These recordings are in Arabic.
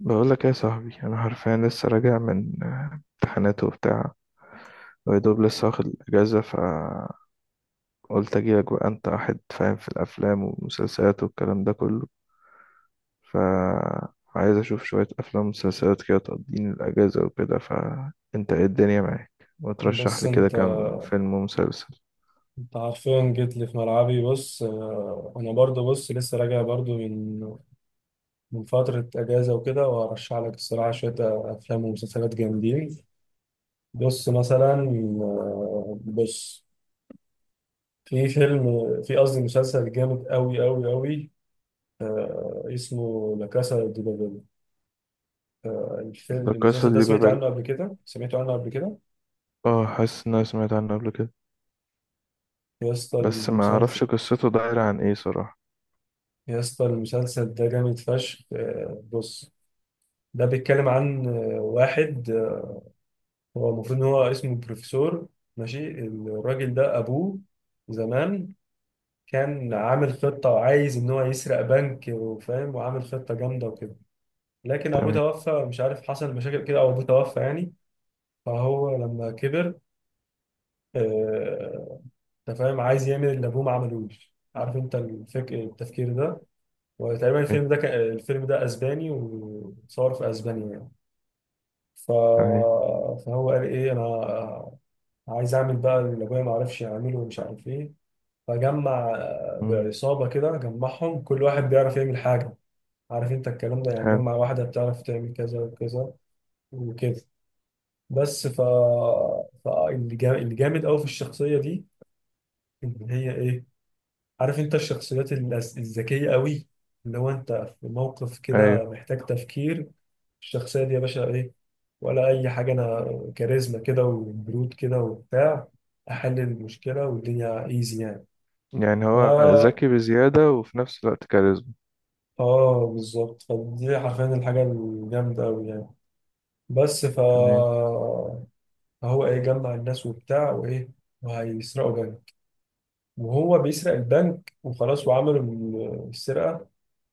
بقول لك ايه يا صاحبي؟ انا حرفيا لسه راجع من امتحانات وبتاع، ويدوب لسه واخد الاجازه، فقلت اجيلك بقى. انت واحد فاهم في الافلام والمسلسلات والكلام ده كله، فعايز اشوف شويه افلام ومسلسلات كده تقضيني الاجازه وكده. فانت ايه، الدنيا معاك؟ وترشح بس لي كده انت كام فيلم ومسلسل. انت حرفيا جيت لي في ملعبي، بص. انا برضو بص، لسه راجع برضو من فترة اجازة وكده، وهرشح لك الصراحة شوية افلام ومسلسلات جامدين. بص مثلا. بص، في فيلم، في قصدي مسلسل جامد قوي قوي قوي. اسمه لا كاسا دي بابل. الفيلم ده قصة المسلسل ده دي سمعت ببال، عنه قبل كده سمعت عنه قبل كده. اه حاسس ان انا سمعت عنه قبل كده، يا اسطى بس ما المسلسل اعرفش قصته دايره عن ايه صراحه. يا اسطى المسلسل ده جامد فشخ. بص، ده بيتكلم عن واحد، هو المفروض ان هو اسمه بروفيسور، ماشي. الراجل ده ابوه زمان كان عامل خطة وعايز ان هو يسرق بنك وفاهم، وعامل خطة جامدة وكده، لكن ابوه تمام. توفى، مش عارف، حصل مشاكل كده او ابوه توفى يعني. فهو لما كبر، آه، انت فاهم، عايز يعمل اللي ابوه ما عملوش، عارف انت التفكير ده. وتقريبا ايوه. الفيلم ده اسباني وصور في اسبانيا يعني. ف... تمام. فهو قال ايه، انا عايز اعمل بقى اللي ابويا ما عرفش يعمله ومش عارف ايه. فجمع مم، بعصابه كده، جمعهم كل واحد بيعرف يعمل حاجه. عارف انت الكلام ده يعني، حلو. جمع واحده بتعرف تعمل كذا وكذا وكده. بس اللي جامد قوي في الشخصيه دي، ان هي ايه، عارف انت الشخصيات الذكيه قوي، اللي هو انت في موقف كده ايوه. محتاج تفكير، الشخصيه دي يا باشا ايه؟ ولا اي حاجه، انا كاريزما كده وبرود كده وبتاع، احل المشكله والدنيا ايزي يعني. يعني هو ف ذكي بزيادة وفي نفس الوقت كاريزما. اه بالظبط، فدي حرفيا الحاجة الجامدة أوي يعني. بس تمام. فهو ايه، جمع الناس وبتاع وايه، وهيسرقوا بنك. وهو بيسرق البنك وخلاص وعملوا السرقة.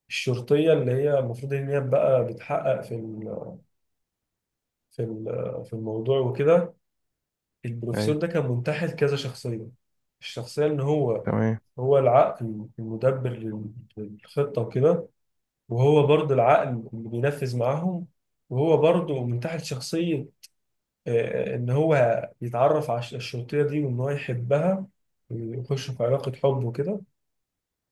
الشرطية اللي هي المفروض ان هي بقى بتحقق في ال... في الموضوع وكده. البروفيسور ده أيوه. كان منتحل كذا شخصية، الشخصية ان هو تمام. هو العقل المدبر للخطة وكده، وهو برضو العقل اللي بينفذ معاهم، وهو برضو من تحت شخصية، إن هو يتعرف على الشرطية دي وإن هو يحبها ويخش في علاقة حب وكده.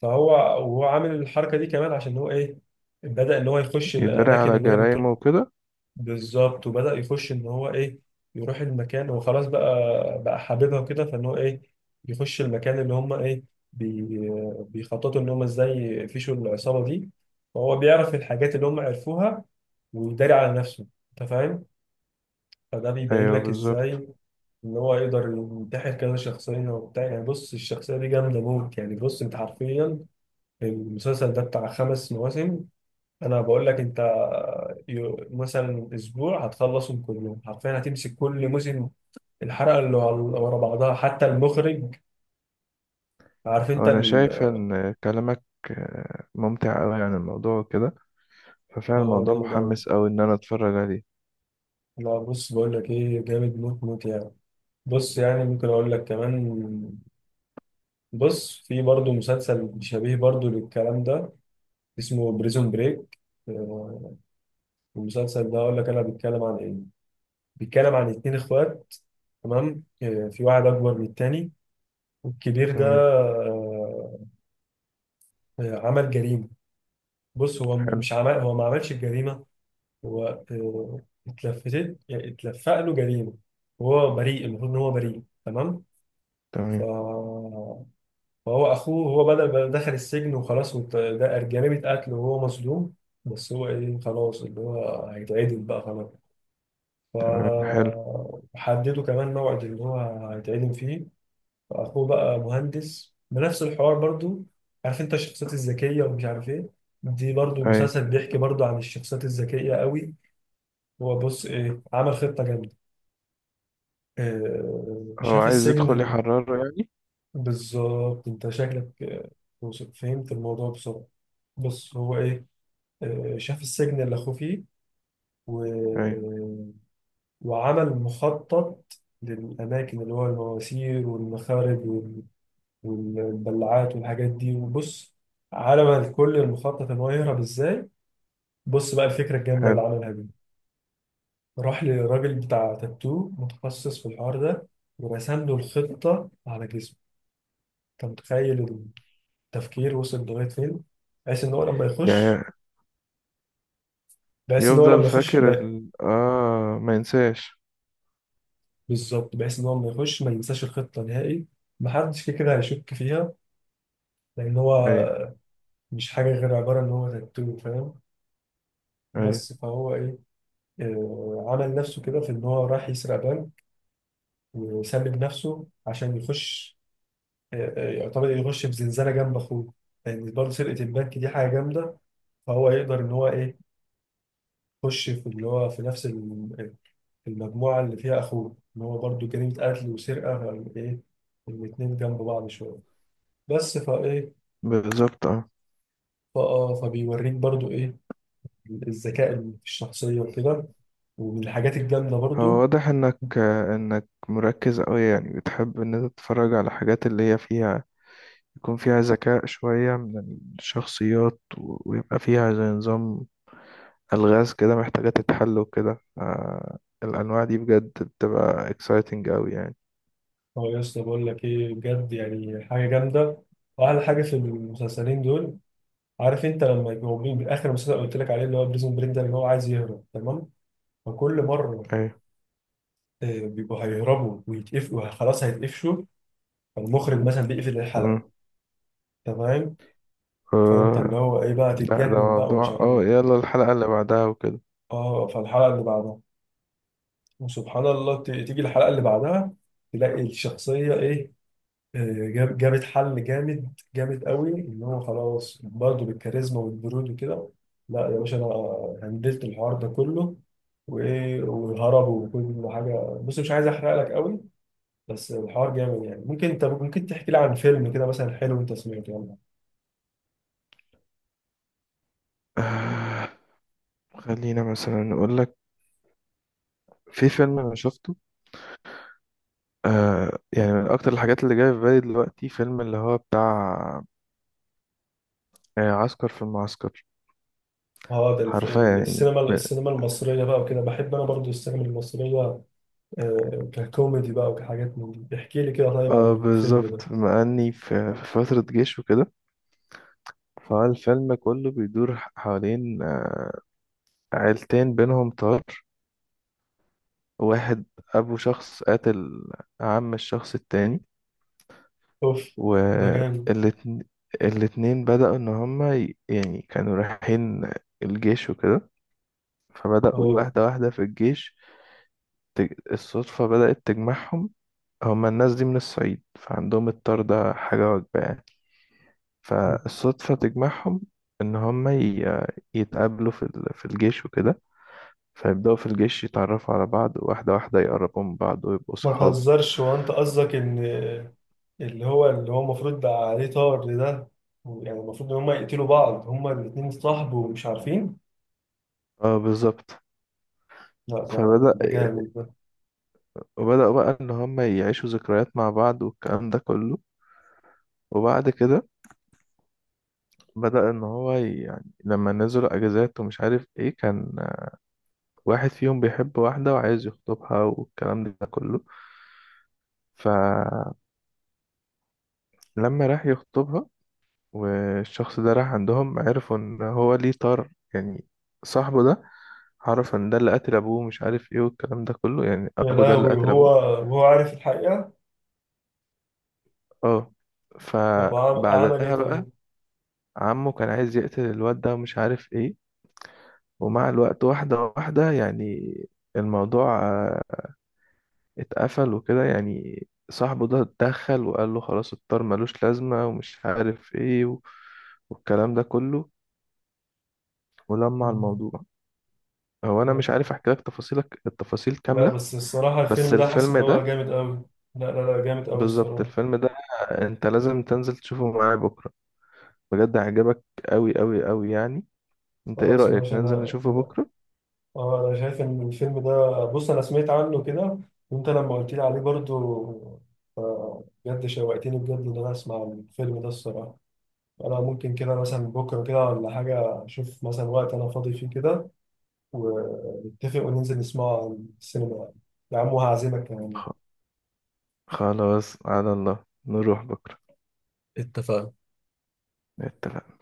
فهو وهو عامل الحركة دي كمان عشان هو إيه، بدأ إن هو يخش يدري الأماكن على اللي هي بتروح. جرايمه وكده. بالظبط، وبدأ يخش ان هو ايه، يروح المكان وخلاص بقى، حاببها كده، فان هو ايه، يخش المكان اللي هم ايه، بي بيخططوا ان هم ازاي يفشوا العصابة دي، فهو بيعرف الحاجات اللي هم عرفوها ويداري على نفسه، انت فاهم. فده بيبين أيوه لك بالظبط. ازاي ان هو يقدر ينتحل كذا شخصية وبتاع يعني. بص الشخصية دي جامدة موت يعني. بص انت حرفيا المسلسل ده بتاع خمس مواسم. انا بقول لك انت، مثلا اسبوع هتخلصهم كلهم حرفيا، هتمسك كل موسم، الحلقه اللي ورا بعضها، حتى المخرج عارف انت هو أنا شايف إن كلامك ممتع أوي عن الموضوع وكده، ففعلا هو الموضوع جامد قوي. محمس أوي إن أنا أتفرج عليه. لا، بص بقول لك ايه، جامد موت موت يعني. بص يعني ممكن اقول لك كمان، بص في برضه مسلسل شبيه برضه للكلام ده، اسمه بريزون بريك. المسلسل ده اقول لك انا بيتكلم عن ايه، بيتكلم عن اتنين اخوات. تمام. في واحد اكبر من التاني، والكبير ده تمام. عمل جريمة. بص هو حلو. مش عمل، هو ما عملش الجريمة. هو اتلفتت يعني اتلفق له جريمة، وهو بريء، المفروض إن هو بريء تمام. ف- تمام. فهو أخوه، هو بدأ دخل السجن وخلاص، ده جريمة قتل وهو مظلوم، بس هو إيه، خلاص اللي هو هيتعدم بقى خلاص. تمام. حلو. فحددوا كمان موعد اللي هو هيتعدم فيه. اخوه بقى مهندس بنفس الحوار برضو، عارف انت الشخصيات الذكيه ومش عارف ايه. دي برضو أيوه. مسلسل بيحكي برضو عن الشخصيات الذكيه قوي. هو بص ايه، عمل خطه جامده. هو شاف عايز السجن يدخل يحرره يعني. بالظبط، انت شكلك فهمت الموضوع بسرعه. بص هو ايه، شاف السجن اللي اخوه فيه، و... أيوه. وعمل مخطط للاماكن اللي هو المواسير والمخارج والدلعات والحاجات دي. وبص على ما الكل المخطط ان هو يهرب ازاي. بص بقى الفكره الجامده اللي حلو عملها دي، راح لراجل بتاع تاتو متخصص في الحوار ده، ورسم له الخطه على جسمه. انت متخيل؟ التفكير وصل لغايه فين. بحيث ان هو لما يخش، يعني، بحيث ان هو يفضل لما يخش فاكر ما... ال... آه ما ينساش. بالظبط، بحيث ان هو لما يخش ما ينساش الخطه نهائي. محدش كده كده هيشك فيها، لان هو أيوه. مش حاجه غير عباره ان هو تاتو، فاهم. أيوه بس فهو ايه، عمل نفسه كده في ان هو راح يسرق بنك وسلم نفسه عشان يخش، يعتبر يخش في زنزانه جنب اخوه، لان برضه سرقه البنك دي حاجه جامده، فهو يقدر ان هو ايه، يخش في اللي هو في نفس المجموعه اللي فيها اخوه، ان هو برضه جريمه قتل وسرقه، ايه، الاتنين جنب بعض شويه. بس فايه، بالظبط. اه. فبيوريك برضه ايه، الذكاء اللي في الشخصيه وكده، ومن الحاجات الجامده هو برضه. واضح انك انك مركز قوي يعني، بتحب ان انت تتفرج على حاجات اللي هي فيها، يكون فيها ذكاء شوية من الشخصيات، و- ويبقى فيها زي نظام ألغاز كده محتاجة تتحل وكده. الأنواع دي بجد بتبقى exciting قوي يعني. اه يا اسطى بقول لك ايه، بجد يعني حاجه جامده. واحلى حاجه في المسلسلين دول، عارف انت لما يبقوا من اخر مسلسل قلت لك عليه اللي هو بريزون بريك ده، اللي هو عايز يهرب تمام، فكل مره ايوه. بيبقوا هيهربوا ويتقفلوا خلاص هيتقفشوا، فالمخرج مثلا بيقفل الحلقه. مم. تمام. فانت اللي آه، هو ايه بقى، لا ده تتجنن بقى ومش موضوع، عارف اه ايه. يلا الحلقة اللي بعدها وكده. اه فالحلقه اللي بعدها، وسبحان الله، تيجي الحلقه اللي بعدها، تلاقي الشخصيه ايه، جابت حل جامد جامد قوي ان هو خلاص برضه بالكاريزما والبرود وكده. لا يا باشا، انا هندلت الحوار ده كله، وايه وهربوا وكل حاجه. بص مش عايز احرق لك قوي، بس الحوار جامد يعني. ممكن تحكي لي عن فيلم كده مثلا حلو انت سمعته يعني. آه، خلينا مثلا نقول لك، في فيلم انا شفته، آه يعني من اكتر الحاجات اللي جايه في بالي دلوقتي، فيلم اللي هو بتاع عسكر في المعسكر. اه ده حرفيا يعني السينما م-، السينما المصريه بقى وكده، بحب انا برضو السينما المصريه. ككوميدي بقى وكحاجات من دي، احكي لي كده طيب اه عن الفيلم ده. بالظبط، بما اني في في فترة جيش وكده، فالفيلم كله بيدور ح- حوالين عيلتين بينهم طار. واحد أبو شخص قاتل، عم الشخص التاني، اوف، ده جامد. والاتنين، الاتنين بدأوا إن هما ي- يعني كانوا رايحين الجيش وكده، فبدأوا اه واحدة واحدة في الجيش. تج- الصدفة بدأت تجمعهم، هما الناس دي من الصعيد فعندهم الطار ده حاجة وجبة يعني. فالصدفة تجمعهم إن هما ي- يتقابلوا في ال- في الجيش وكده. فيبدأوا في الجيش يتعرفوا على بعض واحدة واحدة، يقربوا من بعض ويبقوا ما صحاب. تهزرش، هو انت قصدك ان اللي هو المفروض بقى عليه طار ده، يعني المفروض ان هما يقتلوا بعض، هما الاتنين اتصاحبوا ومش عارفين؟ اه بالظبط. لا ده فبدأ، ده جامد ده. وبدأوا بقى إن هما يعيشوا ذكريات مع بعض والكلام ده كله. وبعد كده بدأ إن هو ي- يعني لما نزلوا أجازات ومش عارف إيه كان، واحد فيهم بيحب واحدة وعايز يخطبها والكلام ده كله. فلما راح يخطبها، والشخص ده راح عندهم، عرفوا ان هو ليه طار يعني. صاحبه ده عرف ان ده اللي قتل ابوه، مش عارف ايه والكلام ده كله يعني، يا ابو ده اللي لهوي، قتل وهو ابوه. وهو عارف الحقيقة؟ اه. طب عمل ايه فبعدها بقى طيب؟ عمه كان عايز يقتل الواد ده ومش عارف ايه. ومع الوقت واحدة واحدة يعني، الموضوع اتقفل وكده يعني، صاحبه ده اتدخل وقال له خلاص الطار ملوش لازمة ومش عارف ايه و... والكلام ده كله، ولمع مم. الموضوع. هو انا مش لا، عارف احكي لك تفاصيلك التفاصيل لا، كامله، بس الصراحة بس الفيلم ده حاسس الفيلم ان هو ده، جامد قوي. لا، لا، لا، جامد قوي بالظبط الصراحة. الفيلم ده انت لازم تنزل تشوفه معايا بكره، بجد هيعجبك قوي قوي قوي يعني. انت ايه خلاص رايك ماشي. ننزل انا نشوفه بكره؟ اه انا شايف ان الفيلم ده، بص انا سمعت عنه كده، وانت لما قلت لي عليه برضو، بجد شوقتني بجد ان انا اسمع الفيلم ده الصراحه. انا ممكن كده مثلا بكره كده ولا حاجه، اشوف مثلا وقت انا فاضي فيه كده، ونتفق وننزل نسمعه على السينما، يا عم، وهعزمك كمان. خ- خلاص على الله نروح بكره. اتفقنا. اتفقنا.